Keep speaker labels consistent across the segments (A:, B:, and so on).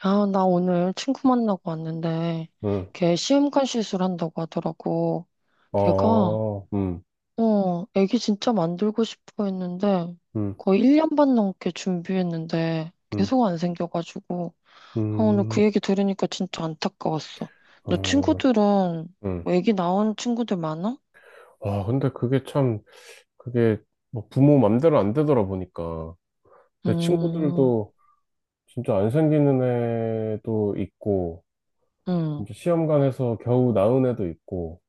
A: 아, 나 오늘 친구 만나고 왔는데,
B: 음,
A: 걔 시험관 시술한다고 하더라고. 걔가,
B: 어,
A: 어, 애기 진짜 만들고 싶어 했는데,
B: 음,
A: 거의 1년 반 넘게 준비했는데,
B: 음,
A: 계속 안 생겨가지고, 아, 오늘 그
B: 음,
A: 얘기 들으니까 진짜 안타까웠어. 너
B: 어,
A: 친구들은,
B: 음.
A: 뭐 애기 낳은 친구들 많아?
B: 와, 근데 그게 참, 그게 뭐 부모 맘대로 안 되더라 보니까. 내
A: 음,
B: 친구들도 진짜 안 생기는 애도 있고,
A: 음.
B: 이제 시험관에서 겨우 낳은 애도 있고,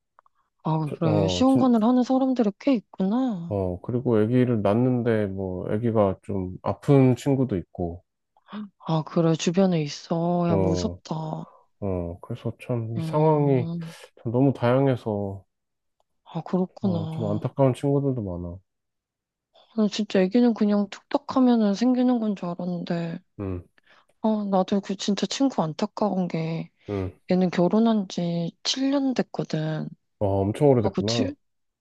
A: 아,
B: 저-
A: 그래.
B: 어, 진,
A: 시험관을 하는 사람들이 꽤 있구나.
B: 그리고 아기를 낳는데 뭐 아기가 좀 아픈 친구도 있고,
A: 아, 그래. 주변에 있어. 야,
B: 어,
A: 무섭다.
B: 어, 그래서 참 이 상황이
A: 음.
B: 참 너무 다양해서,
A: 아,
B: 어, 좀
A: 그렇구나.
B: 안타까운 친구들도 많아.
A: 나는 진짜 애기는 그냥 툭딱 하면은 생기는 건 줄 알았는데,
B: 응.
A: 아, 나도 그 진짜 친구 안타까운 게,
B: 응.
A: 얘는 결혼한 지 7년 됐거든.
B: 와, 엄청
A: 아,
B: 오래됐구나.
A: 그치?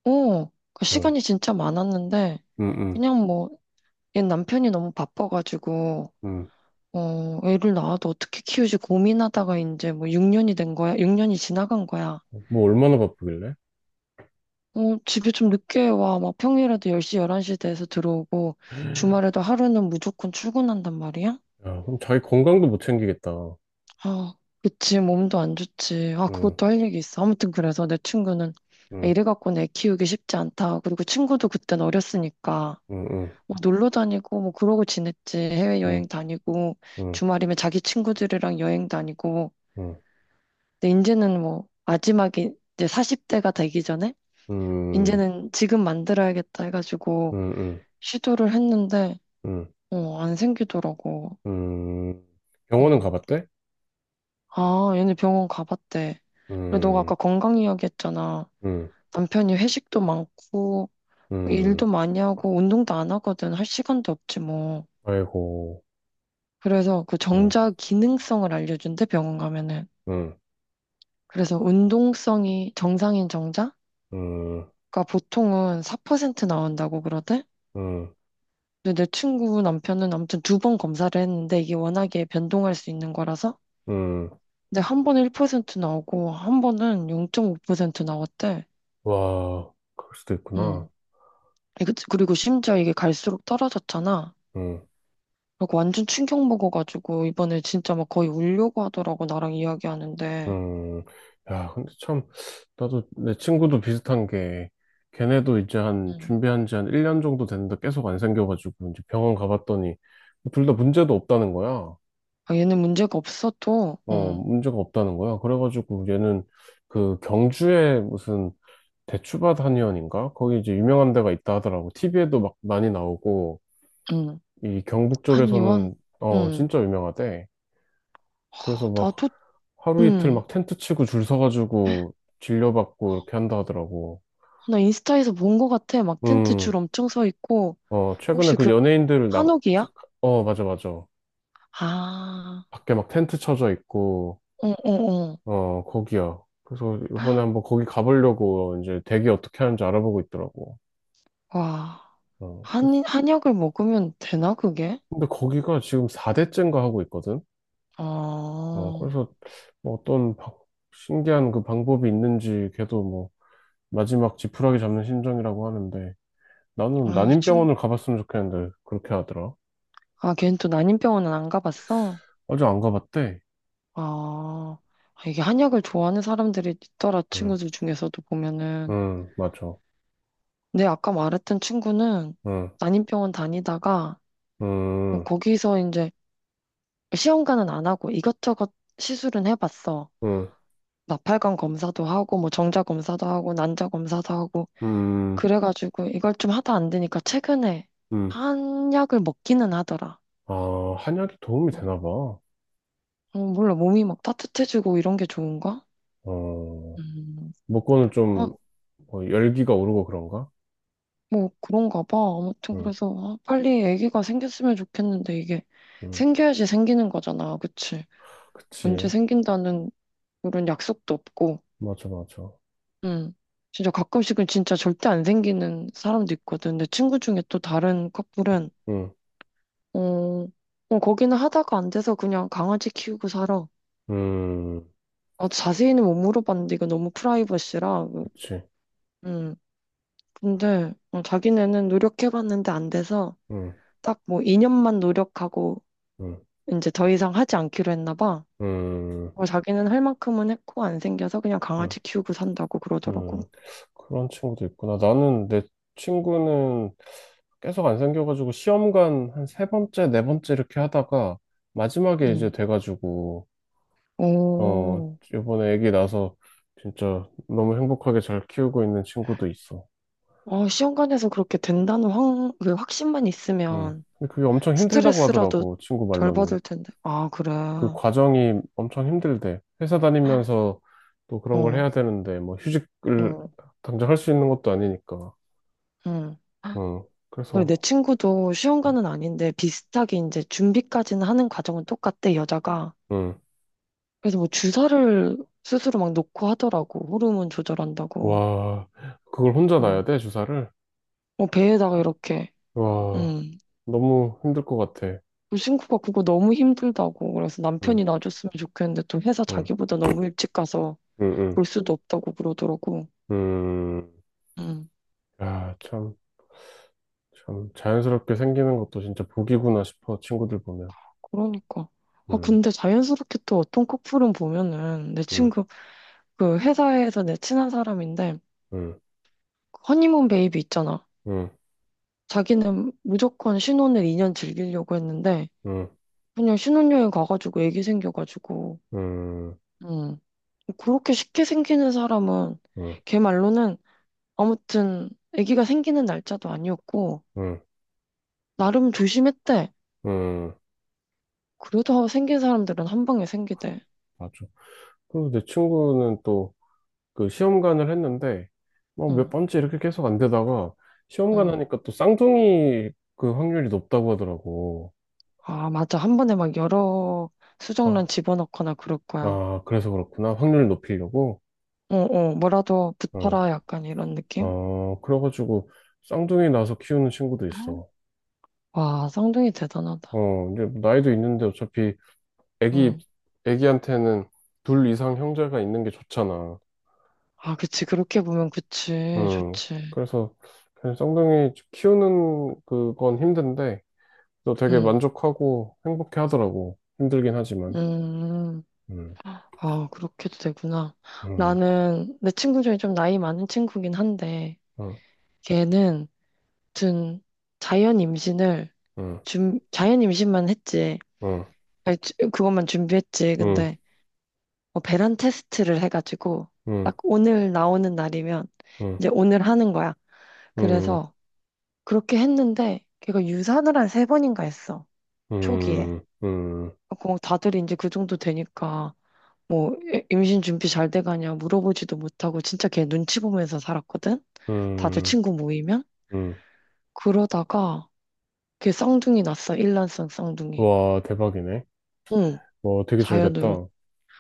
A: 어, 그
B: 응.
A: 시간이 진짜 많았는데,
B: 응, 응,
A: 그냥 뭐, 얘 남편이 너무 바빠가지고, 어, 애를 낳아도 어떻게 키우지 고민하다가 이제 뭐 6년이 된 거야? 6년이 지나간 거야.
B: 응. 뭐 얼마나 바쁘길래?
A: 어, 집에 좀 늦게 와. 막 평일에도 10시, 11시 돼서 들어오고, 주말에도 하루는 무조건 출근한단 말이야?
B: 야, 그럼 자기 건강도 못 챙기겠다.
A: 아, 그치, 몸도 안 좋지. 아,
B: 응,
A: 그것도 할 얘기 있어. 아무튼 그래서 내 친구는 이
B: 응,
A: 래 갖고는 애 키우기 쉽지 않다. 그리고 친구도 그땐 어렸으니까
B: 응, 응,
A: 뭐 놀러 다니고 뭐 그러고 지냈지. 해외여행
B: 응,
A: 다니고
B: 응,
A: 주말이면 자기 친구들이랑 여행 다니고.
B: 응,
A: 근데 이제는 뭐 마지막에 이제 40대가 되기 전에
B: 응,
A: 이제는 지금 만들어야겠다 해가지고
B: 응, 응,
A: 시도를 했는데
B: 응.
A: 어, 안 생기더라고.
B: 응. 병원은
A: 음.
B: 가봤대?
A: 아, 얘네 병원 가봤대. 그리고 너가
B: 응,
A: 아까 건강 이야기 했잖아.
B: 응,
A: 남편이 회식도 많고
B: 응.
A: 일도 많이 하고 운동도 안 하거든. 할 시간도 없지 뭐.
B: 아이고,
A: 그래서 그
B: 응,
A: 정자 기능성을 알려준대 병원 가면은.
B: 응,
A: 그래서 운동성이 정상인 정자가
B: 응,
A: 보통은 4% 나온다고 그러대.
B: 응,
A: 근데 내 친구 남편은 아무튼 2번 검사를 했는데 이게 워낙에 변동할 수 있는 거라서.
B: 응.
A: 근데 한 번은 1% 나오고 한 번은 0.5% 나왔대.
B: 와, 그럴 수도 있구나.
A: 음. 그리고 심지어 이게 갈수록 떨어졌잖아.
B: 응.
A: 그리고 완전 충격 먹어가지고 이번에 진짜 막 거의 울려고 하더라고 나랑 이야기하는데.
B: 음, 야, 근데 참, 나도 내 친구도 비슷한 게, 걔네도 이제 한,
A: 응.
B: 준비한 지 한 1년 정도 됐는데 계속 안 생겨가지고, 이제 병원 가봤더니, 둘 다 문제도 없다는 거야.
A: 아, 얘는 문제가 없어도.
B: 어,
A: 응.
B: 문제가 없다는 거야. 그래가지고 얘는 그 경주에 무슨 대추밭 한의원인가? 거기 이제 유명한 데가 있다 하더라고. TV에도 막 많이 나오고,
A: 응.
B: 이 경북
A: 한의원.
B: 쪽에서는, 어,
A: 응.
B: 진짜 유명하대. 그래서
A: 하,
B: 막
A: 나도.
B: 하루 이틀
A: 응.
B: 막 텐트 치고 줄 서가지고 진료받고 이렇게 한다 하더라고.
A: 나 인스타에서 본 거 같아. 막 텐트
B: 음,
A: 줄 엄청 서 있고.
B: 어, 최근에
A: 혹시
B: 그
A: 그
B: 연예인들 나, 저-
A: 한옥이야?
B: 어, 맞아, 맞아.
A: 아.
B: 밖에 막 텐트 쳐져 있고,
A: 어, 어, 어.
B: 어, 거기야. 그래서 이번에 한번 거기 가보려고 이제 대기 어떻게 하는지 알아보고 있더라고.
A: 와.
B: 어, 그래서,
A: 한 한약을 먹으면 되나 그게?
B: 근데 거기가 지금 4대째인가 하고 있거든? 어,
A: 아.
B: 그래서 뭐 어떤 신기한 그 방법이 있는지 걔도 뭐 마지막 지푸라기 잡는 심정이라고 하는데 나는
A: 아이, 지금.
B: 난임병원을 가봤으면 좋겠는데 그렇게 하더라.
A: 아, 걔는 또 난임병원은 안 가봤어?
B: 아직 안 가봤대.
A: 아, 아, 이게 한약을 좋아하는 사람들이 있더라,
B: 응,
A: 친구들 중에서도 보면은.
B: 응, 맞아.
A: 근데 아까 말했던 친구는
B: 응,
A: 난임병원 다니다가 뭐
B: 응.
A: 거기서 이제 시험관은 안 하고 이것저것 시술은 해봤어.
B: 응,
A: 나팔관 검사도 하고 뭐 정자 검사도 하고 난자 검사도 하고
B: 음,
A: 그래가지고 이걸 좀 하다 안 되니까 최근에
B: 음.
A: 한약을 먹기는 하더라.
B: 아, 한약이 도움이 되나 봐.
A: 어, 몰라 몸이 막 따뜻해지고 이런 게 좋은가?
B: 어,
A: 음.
B: 먹고는 좀 어, 열기가 오르고 그런가?
A: 뭐 그런가 봐. 아무튼
B: 응,
A: 그래서 아, 빨리 아기가 생겼으면 좋겠는데 이게
B: 응.
A: 생겨야지 생기는 거잖아. 그치? 언제
B: 그치.
A: 생긴다는 그런 약속도 없고.
B: 맞아, 맞아.
A: 음. 진짜 가끔씩은 진짜 절대 안 생기는 사람도 있거든. 내 친구 중에 또 다른 커플은
B: 응,
A: 어, 어 거기는 하다가 안 돼서 그냥 강아지 키우고 살아.
B: 음,
A: 아, 자세히는 못 물어봤는데 이거 너무 프라이버시라.
B: 그치.
A: 음. 근데 어, 자기네는 노력해봤는데 안 돼서
B: 응,
A: 딱 뭐 2년만 노력하고
B: 응,
A: 이제 더 이상 하지 않기로 했나 봐.
B: 응,
A: 어, 자기는 할 만큼은 했고 안 생겨서 그냥
B: 응,
A: 강아지 키우고 산다고 그러더라고.
B: 응. 그런 친구도 있구나. 나는 내 친구는 계속 안 생겨가지고 시험관 한 세 번째, 네 번째 이렇게 하다가 마지막에 이제
A: 음.
B: 돼가지고 어,
A: 오.
B: 이번에 애기 나서 진짜 너무 행복하게 잘 키우고 있는 친구도 있어.
A: 어, 시험관에서 그렇게 된다는 확, 그 확신만
B: 음.
A: 있으면
B: 근데 그게 엄청 힘들다고
A: 스트레스라도
B: 하더라고, 친구
A: 덜
B: 말로는.
A: 받을 텐데. 아, 그래.
B: 그
A: 어,
B: 과정이 엄청 힘들대. 회사 다니면서 또 그런 걸 해야 되는데, 뭐 휴직을
A: 응,
B: 당장 할 수 있는 것도 아니니까.
A: 응.
B: 음.
A: 그리고 내
B: 그래서,
A: 친구도 시험관은 아닌데 비슷하게 이제 준비까지는 하는 과정은 똑같대, 여자가.
B: 응.
A: 그래서 뭐 주사를 스스로 막 놓고 하더라고. 호르몬 조절한다고.
B: 와, 그걸 혼자
A: 어,
B: 놔야 돼, 주사를?
A: 어, 배에다가 이렇게.
B: 와,
A: 음.
B: 너무 힘들 것 같아.
A: 친구가 그거 너무 힘들다고 그래서 남편이
B: 응,
A: 놔줬으면 좋겠는데 또 회사
B: 응,
A: 자기보다 너무 일찍 가서
B: 응,
A: 볼 수도 없다고 그러더라고.
B: 응,
A: 음.
B: 야, 참. 참 자연스럽게 생기는 것도 진짜 복이구나 싶어 친구들 보면,
A: 그러니까. 아
B: 음,
A: 근데 자연스럽게 또 어떤 커플은 보면은 내
B: 음,
A: 친구 그 회사에서 내 친한 사람인데
B: 음,
A: 그 허니문 베이비 있잖아.
B: 음,
A: 자기는 무조건 신혼을 2년 즐기려고 했는데
B: 음,
A: 그냥 신혼여행 가가지고 애기 생겨가지고.
B: 음,
A: 음. 그렇게 쉽게 생기는 사람은
B: 음,
A: 걔 말로는 아무튼 아기가 생기는 날짜도 아니었고
B: 음,
A: 나름 조심했대.
B: 음.
A: 그래도 생긴 사람들은 한 방에 생기대.
B: 맞아. 그리고 내 친구는 또 그 시험관을 했는데 뭐몇
A: 응,
B: 번째 이렇게 계속 안 되다가 시험관
A: 응.
B: 하니까 또 쌍둥이 그 확률이 높다고 하더라고.
A: 아, 맞아. 1번에 막 여러 수정란
B: 아,
A: 집어넣거나 그럴 거야.
B: 아, 그래서 그렇구나. 확률 높이려고.
A: 어, 어, 뭐라도
B: 응.
A: 붙어라 약간 이런 느낌?
B: 어, 그래가지고 쌍둥이 나서 키우는 친구도
A: 아,
B: 있어.
A: 와, 쌍둥이 대단하다.
B: 어, 이제 나이도 있는데 어차피 애기,
A: 응.
B: 애기한테는 둘 이상 형제가 있는 게 좋잖아.
A: 아, 그치. 그렇게 보면 그치.
B: 음,
A: 좋지.
B: 그래서 그냥 쌍둥이 키우는 그건 힘든데, 또 되게
A: 응.
B: 만족하고 행복해 하더라고. 힘들긴 하지만.
A: 음.
B: 음,
A: 아, 그렇게도 되구나.
B: 음,
A: 나는 내 친구 중에 좀 나이 많은 친구긴 한데,
B: 음,
A: 걔는 아무튼 자연 임신을
B: 음,
A: 준 자연 임신만 했지.
B: 음,
A: 아니, 그것만 준비했지.
B: 음,
A: 근데 뭐 배란 테스트를 해가지고 딱 오늘 나오는 날이면
B: 음,
A: 이제 오늘 하는 거야.
B: 음,
A: 그래서 그렇게 했는데 걔가 유산을 한 세 번인가 했어. 초기에.
B: 음, 음, 음,
A: 그 다들 이제 그 정도 되니까 뭐 임신 준비 잘 돼가냐 물어보지도 못하고 진짜 걔 눈치 보면서 살았거든. 다들
B: 음,
A: 친구 모이면
B: 음.
A: 그러다가 걔 쌍둥이 났어. 일란성 쌍둥이.
B: 와, 대박이네.
A: 응.
B: 와, 되게 잘
A: 자연으로.
B: 됐다.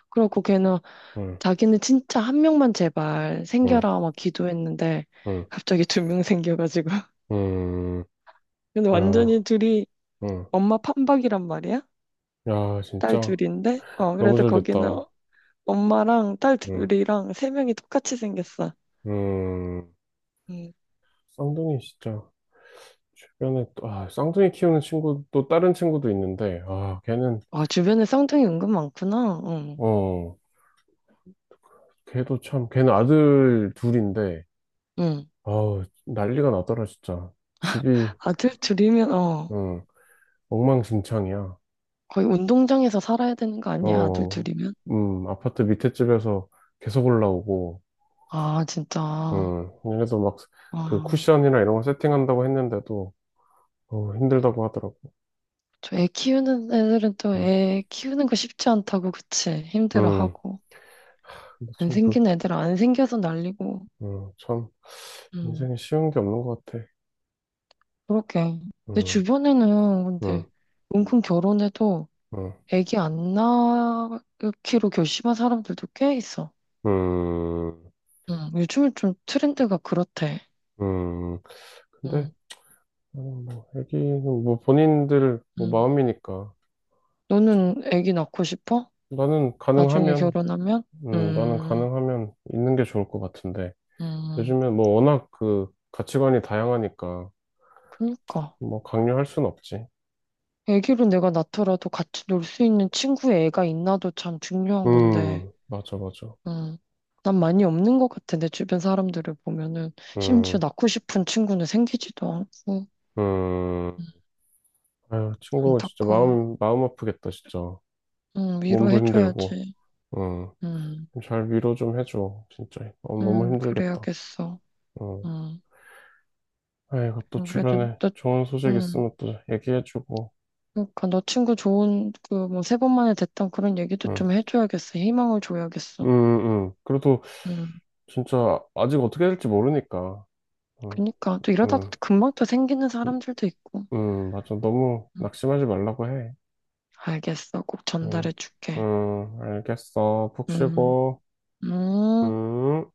A: 그리고 걔는
B: 응,
A: 자기는 진짜 한 명만 제발
B: 응,
A: 생겨라 막 기도했는데
B: 응,
A: 갑자기 2명 생겨가지고.
B: 응.
A: 근데
B: 야,
A: 완전히 둘이
B: 응.
A: 엄마 판박이란 말이야?
B: 야,
A: 딸
B: 진짜.
A: 둘인데? 어,
B: 너무
A: 그래서
B: 잘
A: 거기는
B: 됐다.
A: 엄마랑 딸
B: 응.
A: 둘이랑 3명이 똑같이 생겼어.
B: 음,
A: 음.
B: 쌍둥이 진짜 주변에 또, 아, 쌍둥이 키우는 친구 또 다른 친구도 있는데, 아, 걔는,
A: 아, 주변에 쌍둥이 은근 많구나. 응.
B: 어, 걔도 참, 걔는 아들 둘인데,
A: 응.
B: 아우, 난리가 나더라, 진짜. 집이,
A: 아들 둘이면, 어,
B: 응, 엉망진창이야.
A: 거의 운동장에서 살아야 되는 거 아니야? 아들
B: 어,
A: 둘이면?
B: 아파트 밑에 집에서 계속 올라오고,
A: 아, 진짜.
B: 그래도 막, 그
A: 아.
B: 쿠션이나 이런 거 세팅한다고 했는데도, 어, 힘들다고 하더라고.
A: 저 애 키우는 애들은 또
B: 음,
A: 애 키우는 거 쉽지 않다고, 그치?
B: 음,
A: 힘들어하고.
B: 근데
A: 안
B: 참 그,
A: 생긴 애들은 안 생겨서 난리고.
B: 참,
A: 음,
B: 인생에 쉬운 게 없는 것 같아.
A: 그렇게. 내
B: 어.
A: 주변에는
B: 응,
A: 근데 은근 결혼해도
B: 응,
A: 애기 안 낳기로 결심한 사람들도 꽤 있어.
B: 응,
A: 요즘은 좀 트렌드가 그렇대.
B: 응. 근데
A: 음,
B: 나는 뭐 애기는 뭐 본인들 뭐
A: 음.
B: 마음이니까
A: 너는 애기 낳고 싶어?
B: 나는
A: 나중에
B: 가능하면,
A: 결혼하면?
B: 나는
A: 음,
B: 가능하면 있는 게 좋을 것 같은데
A: 음,
B: 요즘에 뭐 워낙 그 가치관이 다양하니까
A: 그니까.
B: 뭐 강요할 순 없지.
A: 애기로 내가 낳더라도 같이 놀 수 있는 친구의 애가 있나도 참 중요한 건데,
B: 맞아, 맞아.
A: 음, 난 많이 없는 것 같아. 내 주변 사람들을 보면은, 심지어
B: 음,
A: 낳고 싶은 친구는 생기지도 않고,
B: 음.
A: 음,
B: 아유, 친구가 진짜
A: 안타까워.
B: 마음 마음 아프겠다, 진짜. 몸도 힘들고.
A: 위로해줘야지.
B: 음,
A: 음,
B: 잘 위로 좀 해줘, 진짜. 어, 너무 힘들겠다.
A: 그래야겠어.
B: 음.
A: 음,
B: 아이고, 또
A: 그래도
B: 주변에
A: 너,
B: 좋은 소식
A: 음,
B: 있으면 또 얘기해주고,
A: 그러니까 너 친구 좋은, 그, 뭐, 3번 만에 됐던 그런 얘기도
B: 응,
A: 좀 해줘야겠어. 희망을
B: 응,
A: 줘야겠어.
B: 응. 그래도
A: 음,
B: 진짜 아직 어떻게 될지 모르니까, 응,
A: 그니까. 또 이러다가
B: 응,
A: 금방 또 생기는
B: 응,
A: 사람들도 있고.
B: 응. 맞아. 너무
A: 음,
B: 낙심하지 말라고 해.
A: 알겠어. 꼭
B: 응,
A: 전달해 줄게.
B: 응, 알겠어. 푹
A: 음,
B: 쉬고,
A: 음.
B: 응.